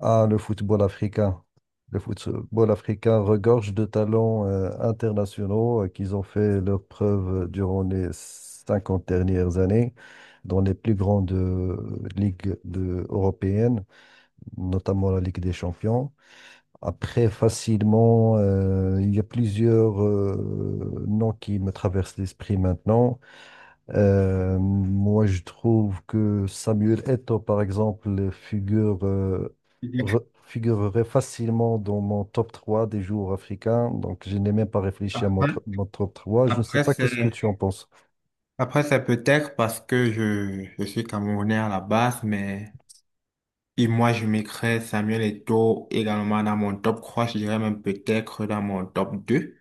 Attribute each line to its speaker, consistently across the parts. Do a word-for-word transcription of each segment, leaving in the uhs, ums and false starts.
Speaker 1: Ah, le football africain. Le football africain regorge de talents euh, internationaux euh, qu'ils ont fait leurs preuves euh, durant les cinquante dernières années dans les plus grandes euh, ligues de- européennes, notamment la Ligue des Champions. Après, facilement, euh, il y a plusieurs euh, noms qui me traversent l'esprit maintenant. Euh, moi, je trouve que Samuel Eto'o, par exemple, figure, euh, re- figurerait facilement dans mon top trois des joueurs africains. Donc, je n'ai même pas réfléchi à mon, tr-
Speaker 2: Après,
Speaker 1: mon top trois. Je ne sais
Speaker 2: après,
Speaker 1: pas qu'est-ce que
Speaker 2: c'est,
Speaker 1: tu en penses.
Speaker 2: après, c'est peut-être parce que je, je suis Camerounais à la base, mais et moi, je mettrais Samuel Eto'o également dans mon top trois. Je dirais même peut-être dans mon top deux.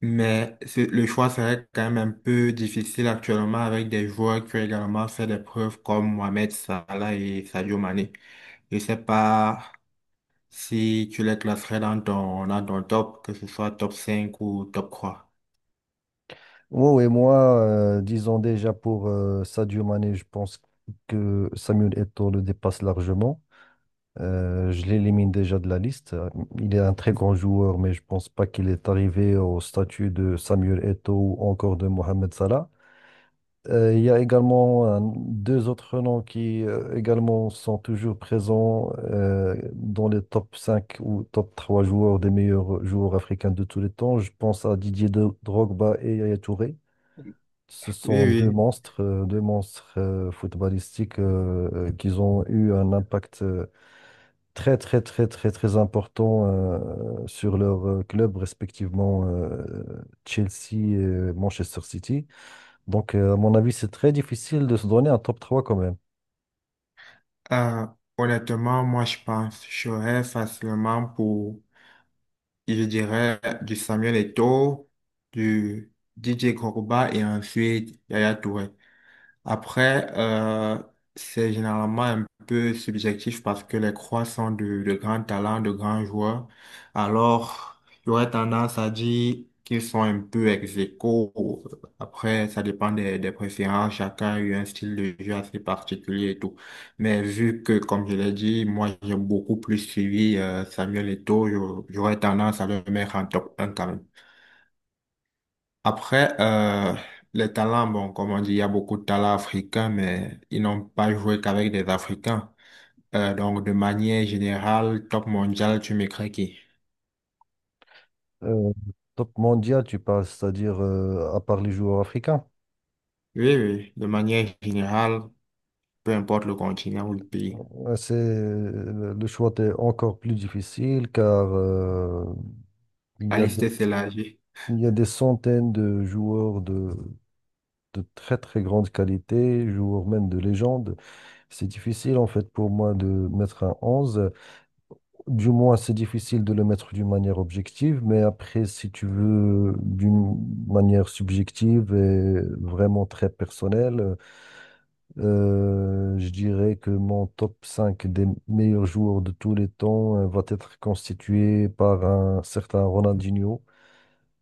Speaker 2: Mais c'est- le choix serait quand même un peu difficile actuellement avec des joueurs qui ont également fait des preuves comme Mohamed Salah et Sadio Mané. Je sais pas si tu les classerais dans ton, dans ton top, que ce soit top cinq ou top trois.
Speaker 1: Oh, et moi, euh, disons déjà pour euh, Sadio Mané, je pense que Samuel Eto'o le dépasse largement. Euh, je l'élimine déjà de la liste. Il est un très grand joueur, mais je pense pas qu'il est arrivé au statut de Samuel Eto'o ou encore de Mohamed Salah. Euh, il y a également euh, deux autres noms qui euh, également sont toujours présents euh, dans les top cinq ou top trois joueurs des meilleurs joueurs africains de tous les temps. Je pense à Didier Do- Drogba et Yaya Touré. Ce sont deux
Speaker 2: Oui.
Speaker 1: monstres, euh, deux monstres euh, footballistiques euh, euh, qui ont eu un impact euh, très, très, très, très, très important euh, sur leur euh, club, respectivement euh, Chelsea et Manchester City. Donc, euh, à mon avis, c'est très difficile de se donner un top trois quand même.
Speaker 2: Euh, Honnêtement, moi, je pense, je serais facilement pour, je dirais, du Samuel Eto'o, du D J Koroba et ensuite Yaya Touré. Après, euh, c'est généralement un peu subjectif parce que les croix sont de, de grands talents, de grands joueurs. Alors, il y aurait tendance à dire qu'ils sont un peu ex aequo. Après, ça dépend des, des préférences. Chacun a eu un style de jeu assez particulier et tout. Mais vu que, comme je l'ai dit, moi, j'ai beaucoup plus suivi euh, Samuel Eto'o, j'aurais tendance à le mettre en top un quand même. Après, euh, les talents, bon, comme on dit, il y a beaucoup de talents africains, mais ils n'ont pas joué qu'avec des Africains. Euh, donc, de manière générale, top mondial, tu m'écris qui?
Speaker 1: Euh, Top mondial, tu parles, c'est-à-dire euh, à part les joueurs africains.
Speaker 2: Oui, oui, de manière générale, peu importe le continent ou le pays.
Speaker 1: Euh, C'est, le le choix est encore plus difficile car euh, il
Speaker 2: La
Speaker 1: y a
Speaker 2: liste
Speaker 1: des,
Speaker 2: s'élargit.
Speaker 1: il y a des centaines de joueurs de, de très très grande qualité, joueurs même de légende. C'est difficile en fait pour moi de mettre un onze. Du moins, c'est difficile de le mettre d'une manière objective, mais après, si tu veux, d'une manière subjective et vraiment très personnelle, euh, je dirais que mon top cinq des meilleurs joueurs de tous les temps euh, va être constitué par un certain Ronaldinho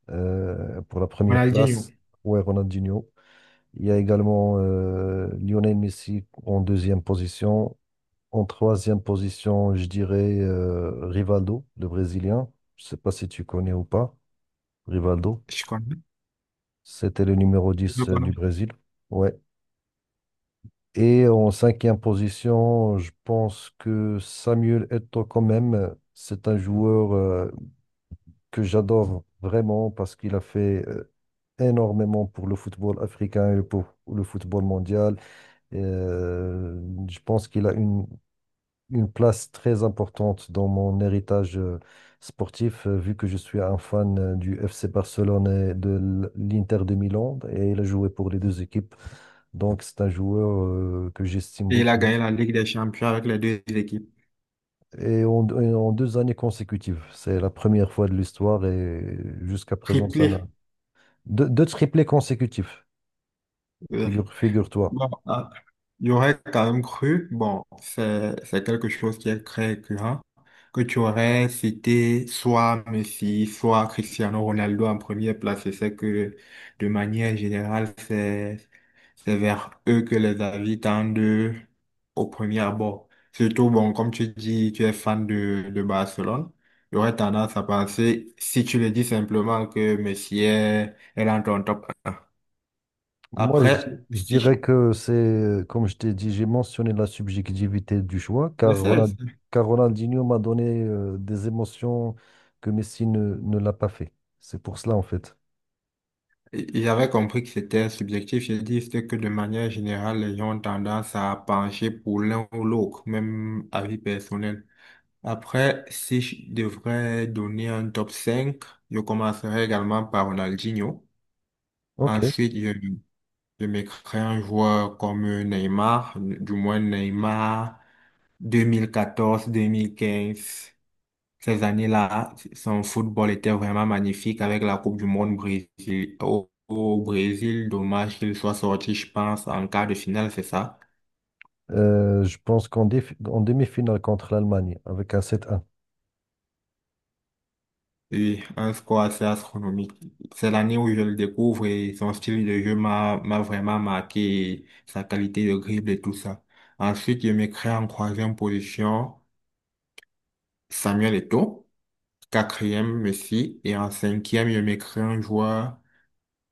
Speaker 1: euh, pour la première
Speaker 2: Ronaldinho,
Speaker 1: place. Ouais, Ronaldinho. Il y a également euh, Lionel Messi en deuxième position, en troisième position, je dirais euh, Rivaldo, le Brésilien. Je ne sais pas si tu connais ou pas. Rivaldo,
Speaker 2: je connais,
Speaker 1: c'était le numéro
Speaker 2: je
Speaker 1: dix euh, du
Speaker 2: connais.
Speaker 1: Brésil. Ouais. Et en cinquième position, je pense que Samuel Eto'o quand même, euh, c'est un joueur euh, que j'adore vraiment parce qu'il a fait euh, énormément pour le football africain et pour le football mondial. Euh, je pense qu'il a une une place très importante dans mon héritage euh, sportif, euh, vu que je suis un fan euh, du F C Barcelone et de l- l'Inter de Milan, et il a joué pour les deux équipes. Donc, c'est un joueur euh, que j'estime
Speaker 2: Et il a
Speaker 1: beaucoup.
Speaker 2: gagné la Ligue des Champions avec les deux équipes.
Speaker 1: Et en, et en deux années consécutives, c'est la première fois de l'histoire, et jusqu'à présent, ça n'a...
Speaker 2: Triplé.
Speaker 1: Deux, deux triplés consécutifs,
Speaker 2: euh,
Speaker 1: figure, figure-toi.
Speaker 2: Bon, ah, j'aurais quand même cru, bon, c'est c'est quelque chose qui est très récurrent, que tu aurais cité soit Messi, soit Cristiano Ronaldo en première place. Et c'est que, de manière générale, c'est c'est vers eux que les avis tendent au premier abord. Surtout, bon, comme tu dis, tu es fan de, de Barcelone, j'aurais tendance à penser, si tu le dis simplement, que Messi est, est dans ton top un.
Speaker 1: Moi, je,
Speaker 2: Après,
Speaker 1: di- je dirais
Speaker 2: si.
Speaker 1: que c'est, comme je t'ai dit, j'ai mentionné la subjectivité du choix,
Speaker 2: Je
Speaker 1: car,
Speaker 2: sais.
Speaker 1: Ronan- car Ronaldinho m'a donné euh, des émotions que Messi ne, ne l'a pas fait. C'est pour cela, en fait.
Speaker 2: Il avait compris que c'était subjectif. J'ai dit c'est que de manière générale, les gens ont tendance à pencher pour l'un ou l'autre, même avis personnel. Après, si je devrais donner un top cinq, je commencerai également par Ronaldinho.
Speaker 1: OK.
Speaker 2: Ensuite, je, je mettrai un joueur comme Neymar, du moins Neymar deux mille quatorze-deux mille quinze. Ces années-là, son football était vraiment magnifique avec la Coupe du Monde Brésil. Au, au Brésil, dommage qu'il soit sorti, je pense, en quart de finale, c'est ça?
Speaker 1: Euh, je pense qu'en défi- en demi-finale contre l'Allemagne, avec un sept un.
Speaker 2: Oui, un score assez astronomique. C'est l'année où je le découvre et son style de jeu m'a m'a vraiment marqué, et sa qualité de dribble et tout ça. Ensuite, je me crée en troisième position Samuel Eto'o, quatrième Messi et en cinquième, je me crée un joueur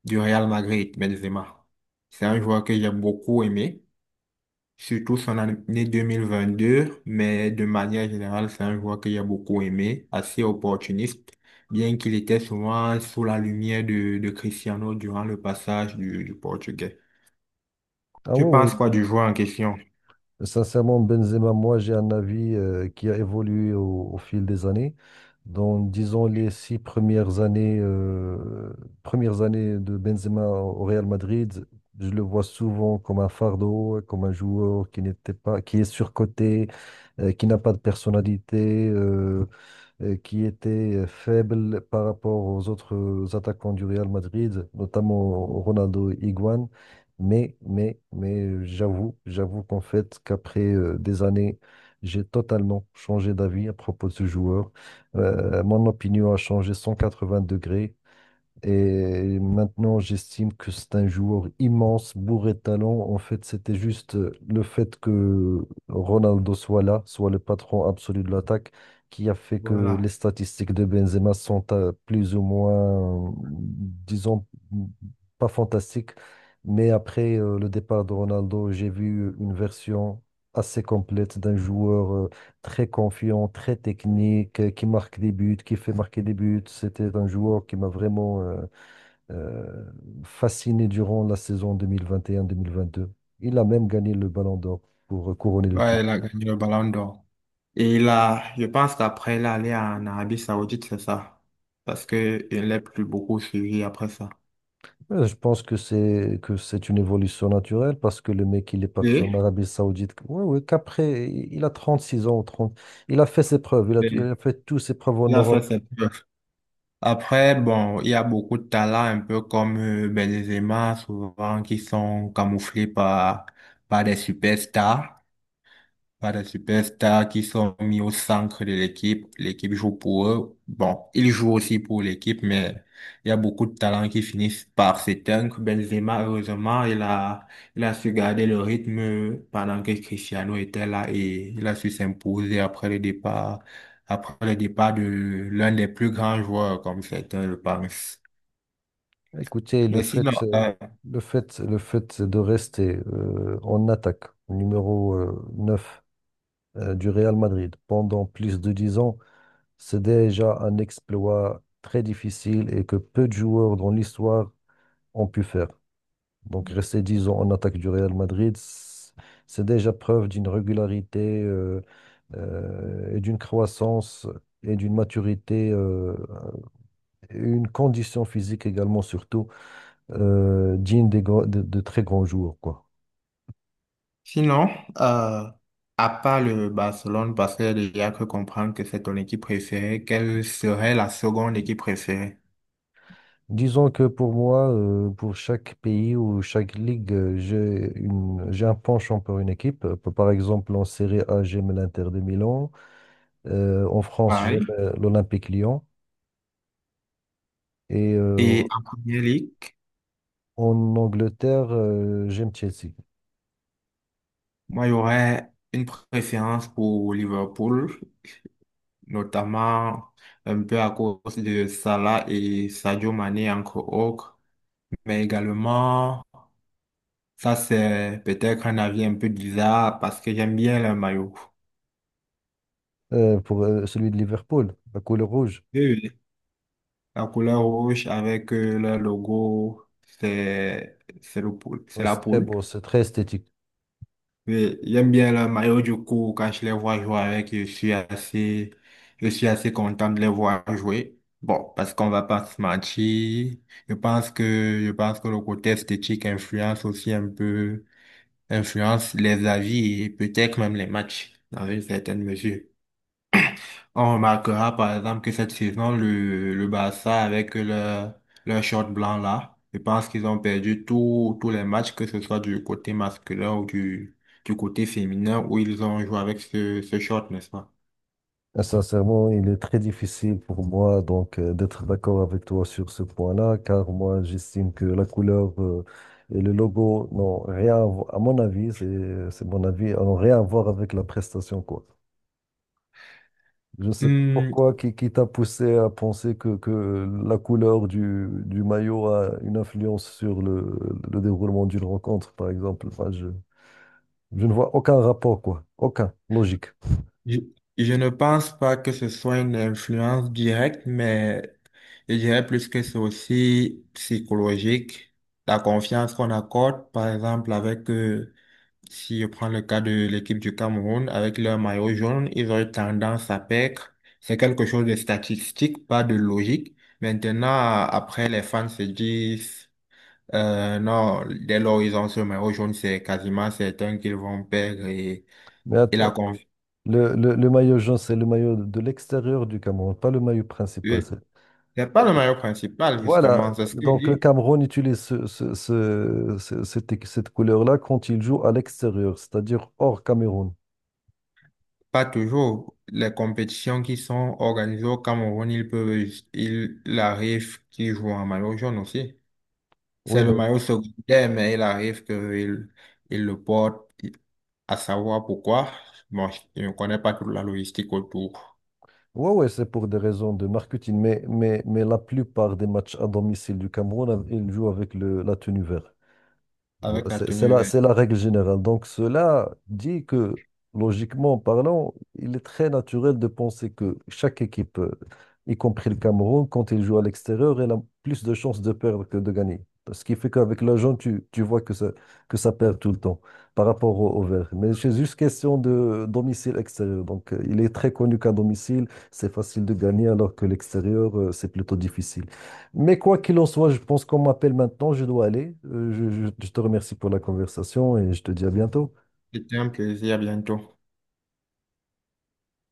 Speaker 2: du Real Madrid, Benzema. C'est un joueur que j'ai beaucoup aimé, surtout son année deux mille vingt-deux, mais de manière générale, c'est un joueur que j'ai beaucoup aimé, assez opportuniste, bien qu'il était souvent sous la lumière de, de Cristiano durant le passage du, du Portugais.
Speaker 1: Ah,
Speaker 2: Tu
Speaker 1: ouais, ouais.
Speaker 2: penses quoi du joueur en question?
Speaker 1: Sincèrement, Benzema, moi, j'ai un avis euh, qui a évolué au, au fil des années. Dans, disons, les six premières années, euh, premières années de Benzema au Real Madrid, je le vois souvent comme un fardeau, comme un joueur qui n'était pas, qui est surcoté, euh, qui n'a pas de personnalité. Euh, euh, qui était euh, faible par rapport aux autres attaquants du Real Madrid, notamment Ronaldo et Higuain. Mais, mais, mais j'avoue, j'avoue qu'en fait, qu'après euh, des années, j'ai totalement changé d'avis à propos de ce joueur. Euh, mon opinion a changé cent quatre-vingts degrés. Et maintenant, j'estime que c'est un joueur immense, bourré de talent. En fait, c'était juste euh, le fait que Ronaldo soit là, soit le patron absolu de l'attaque, qui a fait que les
Speaker 2: Voilà.
Speaker 1: statistiques de Benzema sont euh, plus ou moins, euh, disons, pas fantastiques. Mais après euh, le départ de Ronaldo, j'ai vu une version assez complète d'un joueur euh, très confiant, très technique, euh, qui marque des buts, qui fait marquer des buts. C'était un joueur qui m'a vraiment euh, euh, fasciné durant la saison deux deux mille mille vingt et un vingt deux. Il a même gagné le Ballon d'Or pour couronner le tout.
Speaker 2: Ouais, il a gagné le ballon d'or. Et là, je pense qu'après, il est allé en Arabie Saoudite, c'est ça. Parce qu'il n'est plus beaucoup suivi après ça.
Speaker 1: Euh, Je pense que c'est que c'est une évolution naturelle parce que le mec, il est parti en
Speaker 2: Et,
Speaker 1: Arabie Saoudite. Ouais, ouais, qu'après, il a trente six ans, trente. Il a fait ses preuves, il a, il
Speaker 2: et
Speaker 1: a fait toutes ses preuves en
Speaker 2: il a fait
Speaker 1: Europe.
Speaker 2: ses preuves. Après, bon, il y a beaucoup de talents, un peu comme euh, Benzema, souvent qui sont camouflés par, par des superstars pas de superstars qui sont mis au centre de l'équipe. L'équipe joue pour eux. Bon, ils jouent aussi pour l'équipe, mais il y a beaucoup de talents qui finissent par s'éteindre. Benzema, heureusement, il a, il a su garder le rythme pendant que Cristiano était là et il a su s'imposer après le départ, après le départ de l'un des plus grands joueurs, comme certains le pensent.
Speaker 1: Écoutez, le
Speaker 2: Mais sinon,
Speaker 1: fait,
Speaker 2: euh,
Speaker 1: le fait, le fait de rester euh, en attaque, numéro euh, neuf euh, du Real Madrid pendant plus de dix ans, c'est déjà un exploit très difficile et que peu de joueurs dans l'histoire ont pu faire. Donc rester dix ans en attaque du Real Madrid, c- c'est déjà preuve d'une régularité euh, euh, et d'une croissance et d'une maturité, euh, et une condition physique également surtout euh, digne des grands- de, de très grands jours, quoi.
Speaker 2: Sinon, euh, à part le Barcelone, parce qu'il y a que comprendre que c'est ton équipe préférée, quelle serait la seconde équipe préférée?
Speaker 1: Disons que pour moi, euh, pour chaque pays ou chaque ligue, euh, j'ai une, j'ai un penchant pour une équipe. Euh, Par exemple, en Serie A, j'aime l'Inter de Milan. Euh, en France, j'aime
Speaker 2: Pareil.
Speaker 1: euh, l'Olympique Lyon. Et euh,
Speaker 2: Et en Premier League,
Speaker 1: en Angleterre, euh, j'aime Chelsea.
Speaker 2: moi, il y aurait une préférence pour Liverpool, notamment un peu à cause de Salah et Sadio Mané, entre autres. Mais également, ça c'est peut-être un avis un peu bizarre parce que j'aime bien le maillot.
Speaker 1: Euh, pour euh, celui de Liverpool, la couleur rouge.
Speaker 2: Oui, oui. La couleur rouge avec euh, le logo, c'est c'est le poule,
Speaker 1: Euh,
Speaker 2: c'est la
Speaker 1: C'est très
Speaker 2: poule.
Speaker 1: beau, c'est très esthétique.
Speaker 2: Mais j'aime bien le maillot du coup quand je les vois jouer avec, je suis assez je suis assez content de les voir jouer. Bon, parce qu'on va pas se mentir, je pense que je pense que le côté esthétique influence aussi un peu influence les avis et peut-être même les matchs dans une certaine mesure. On remarquera par exemple que cette saison, le, le Barça avec leur, leur short blanc là, je pense qu'ils ont perdu tous tous les matchs, que ce soit du côté masculin ou du, du côté féminin, où ils ont joué avec ce, ce short, n'est-ce pas?
Speaker 1: Et sincèrement, il est très difficile pour moi donc euh, d'être d'accord avec toi sur ce point-là, car moi j'estime que la couleur euh, et le logo n'ont rien à voir, à mon avis, c'est c'est mon avis, n'ont rien à voir avec la prestation quoi. Je ne sais pas
Speaker 2: Hmm,
Speaker 1: pourquoi qui, qui t'a poussé à penser que, que la couleur du, du maillot a une influence sur le, le déroulement d'une rencontre, par exemple. Enfin, je, je ne vois aucun rapport quoi, aucun logique.
Speaker 2: je, je ne pense pas que ce soit une influence directe, mais je dirais plus que c'est aussi psychologique. La confiance qu'on accorde, par exemple, avec. euh, Si je prends le cas de l'équipe du Cameroun, avec leur maillot jaune, ils ont eu tendance à perdre. C'est quelque chose de statistique, pas de logique. Maintenant, après, les fans se disent, euh, non, dès lors ils ont ce maillot jaune, c'est quasiment certain qu'ils vont perdre et,
Speaker 1: Mais à,
Speaker 2: et la confiance.
Speaker 1: Le, le, le maillot jaune, c'est le maillot de l'extérieur du Cameroun, pas le maillot principal. c'est-
Speaker 2: C'est pas le
Speaker 1: OK.
Speaker 2: maillot principal, justement,
Speaker 1: Voilà,
Speaker 2: c'est ce que je
Speaker 1: donc le
Speaker 2: dis.
Speaker 1: Cameroun utilise ce- ce- ce- ce- cette, cette couleur-là quand il joue à l'extérieur, c'est-à-dire hors Cameroun.
Speaker 2: Pas toujours. Les compétitions qui sont organisées au Cameroun, ils peuvent, ils- il arrive qu'ils jouent en maillot jaune aussi.
Speaker 1: Oui,
Speaker 2: C'est le
Speaker 1: mais
Speaker 2: maillot secondaire, mais il arrive qu'il il le porte, à savoir pourquoi. Bon, je je ne connais pas toute la logistique autour.
Speaker 1: ouais, ouais, c'est pour des raisons de marketing, mais, mais, mais la plupart des matchs à domicile du Cameroun, ils jouent avec le, la tenue verte.
Speaker 2: Avec
Speaker 1: Voilà,
Speaker 2: la
Speaker 1: C'est c'est
Speaker 2: tenue
Speaker 1: la,
Speaker 2: verte.
Speaker 1: c'est la règle générale. Donc cela dit que, logiquement parlant, il est très naturel de penser que chaque équipe, euh, y compris le Cameroun, quand il joue à l'extérieur, elle a plus de chances de perdre que de gagner. Ce qui fait qu'avec l'argent, tu, tu vois que ça, que ça perd tout le temps par rapport au, au vert. Mais c'est juste question de domicile extérieur. Donc euh, il est très connu qu'à domicile, c'est facile de gagner alors que l'extérieur, euh, c'est plutôt difficile. Mais quoi qu'il en soit, je pense qu'on m'appelle maintenant, je dois aller. Euh, je je- je te remercie pour la conversation et je te dis à bientôt.
Speaker 2: C'était un plaisir, à bientôt.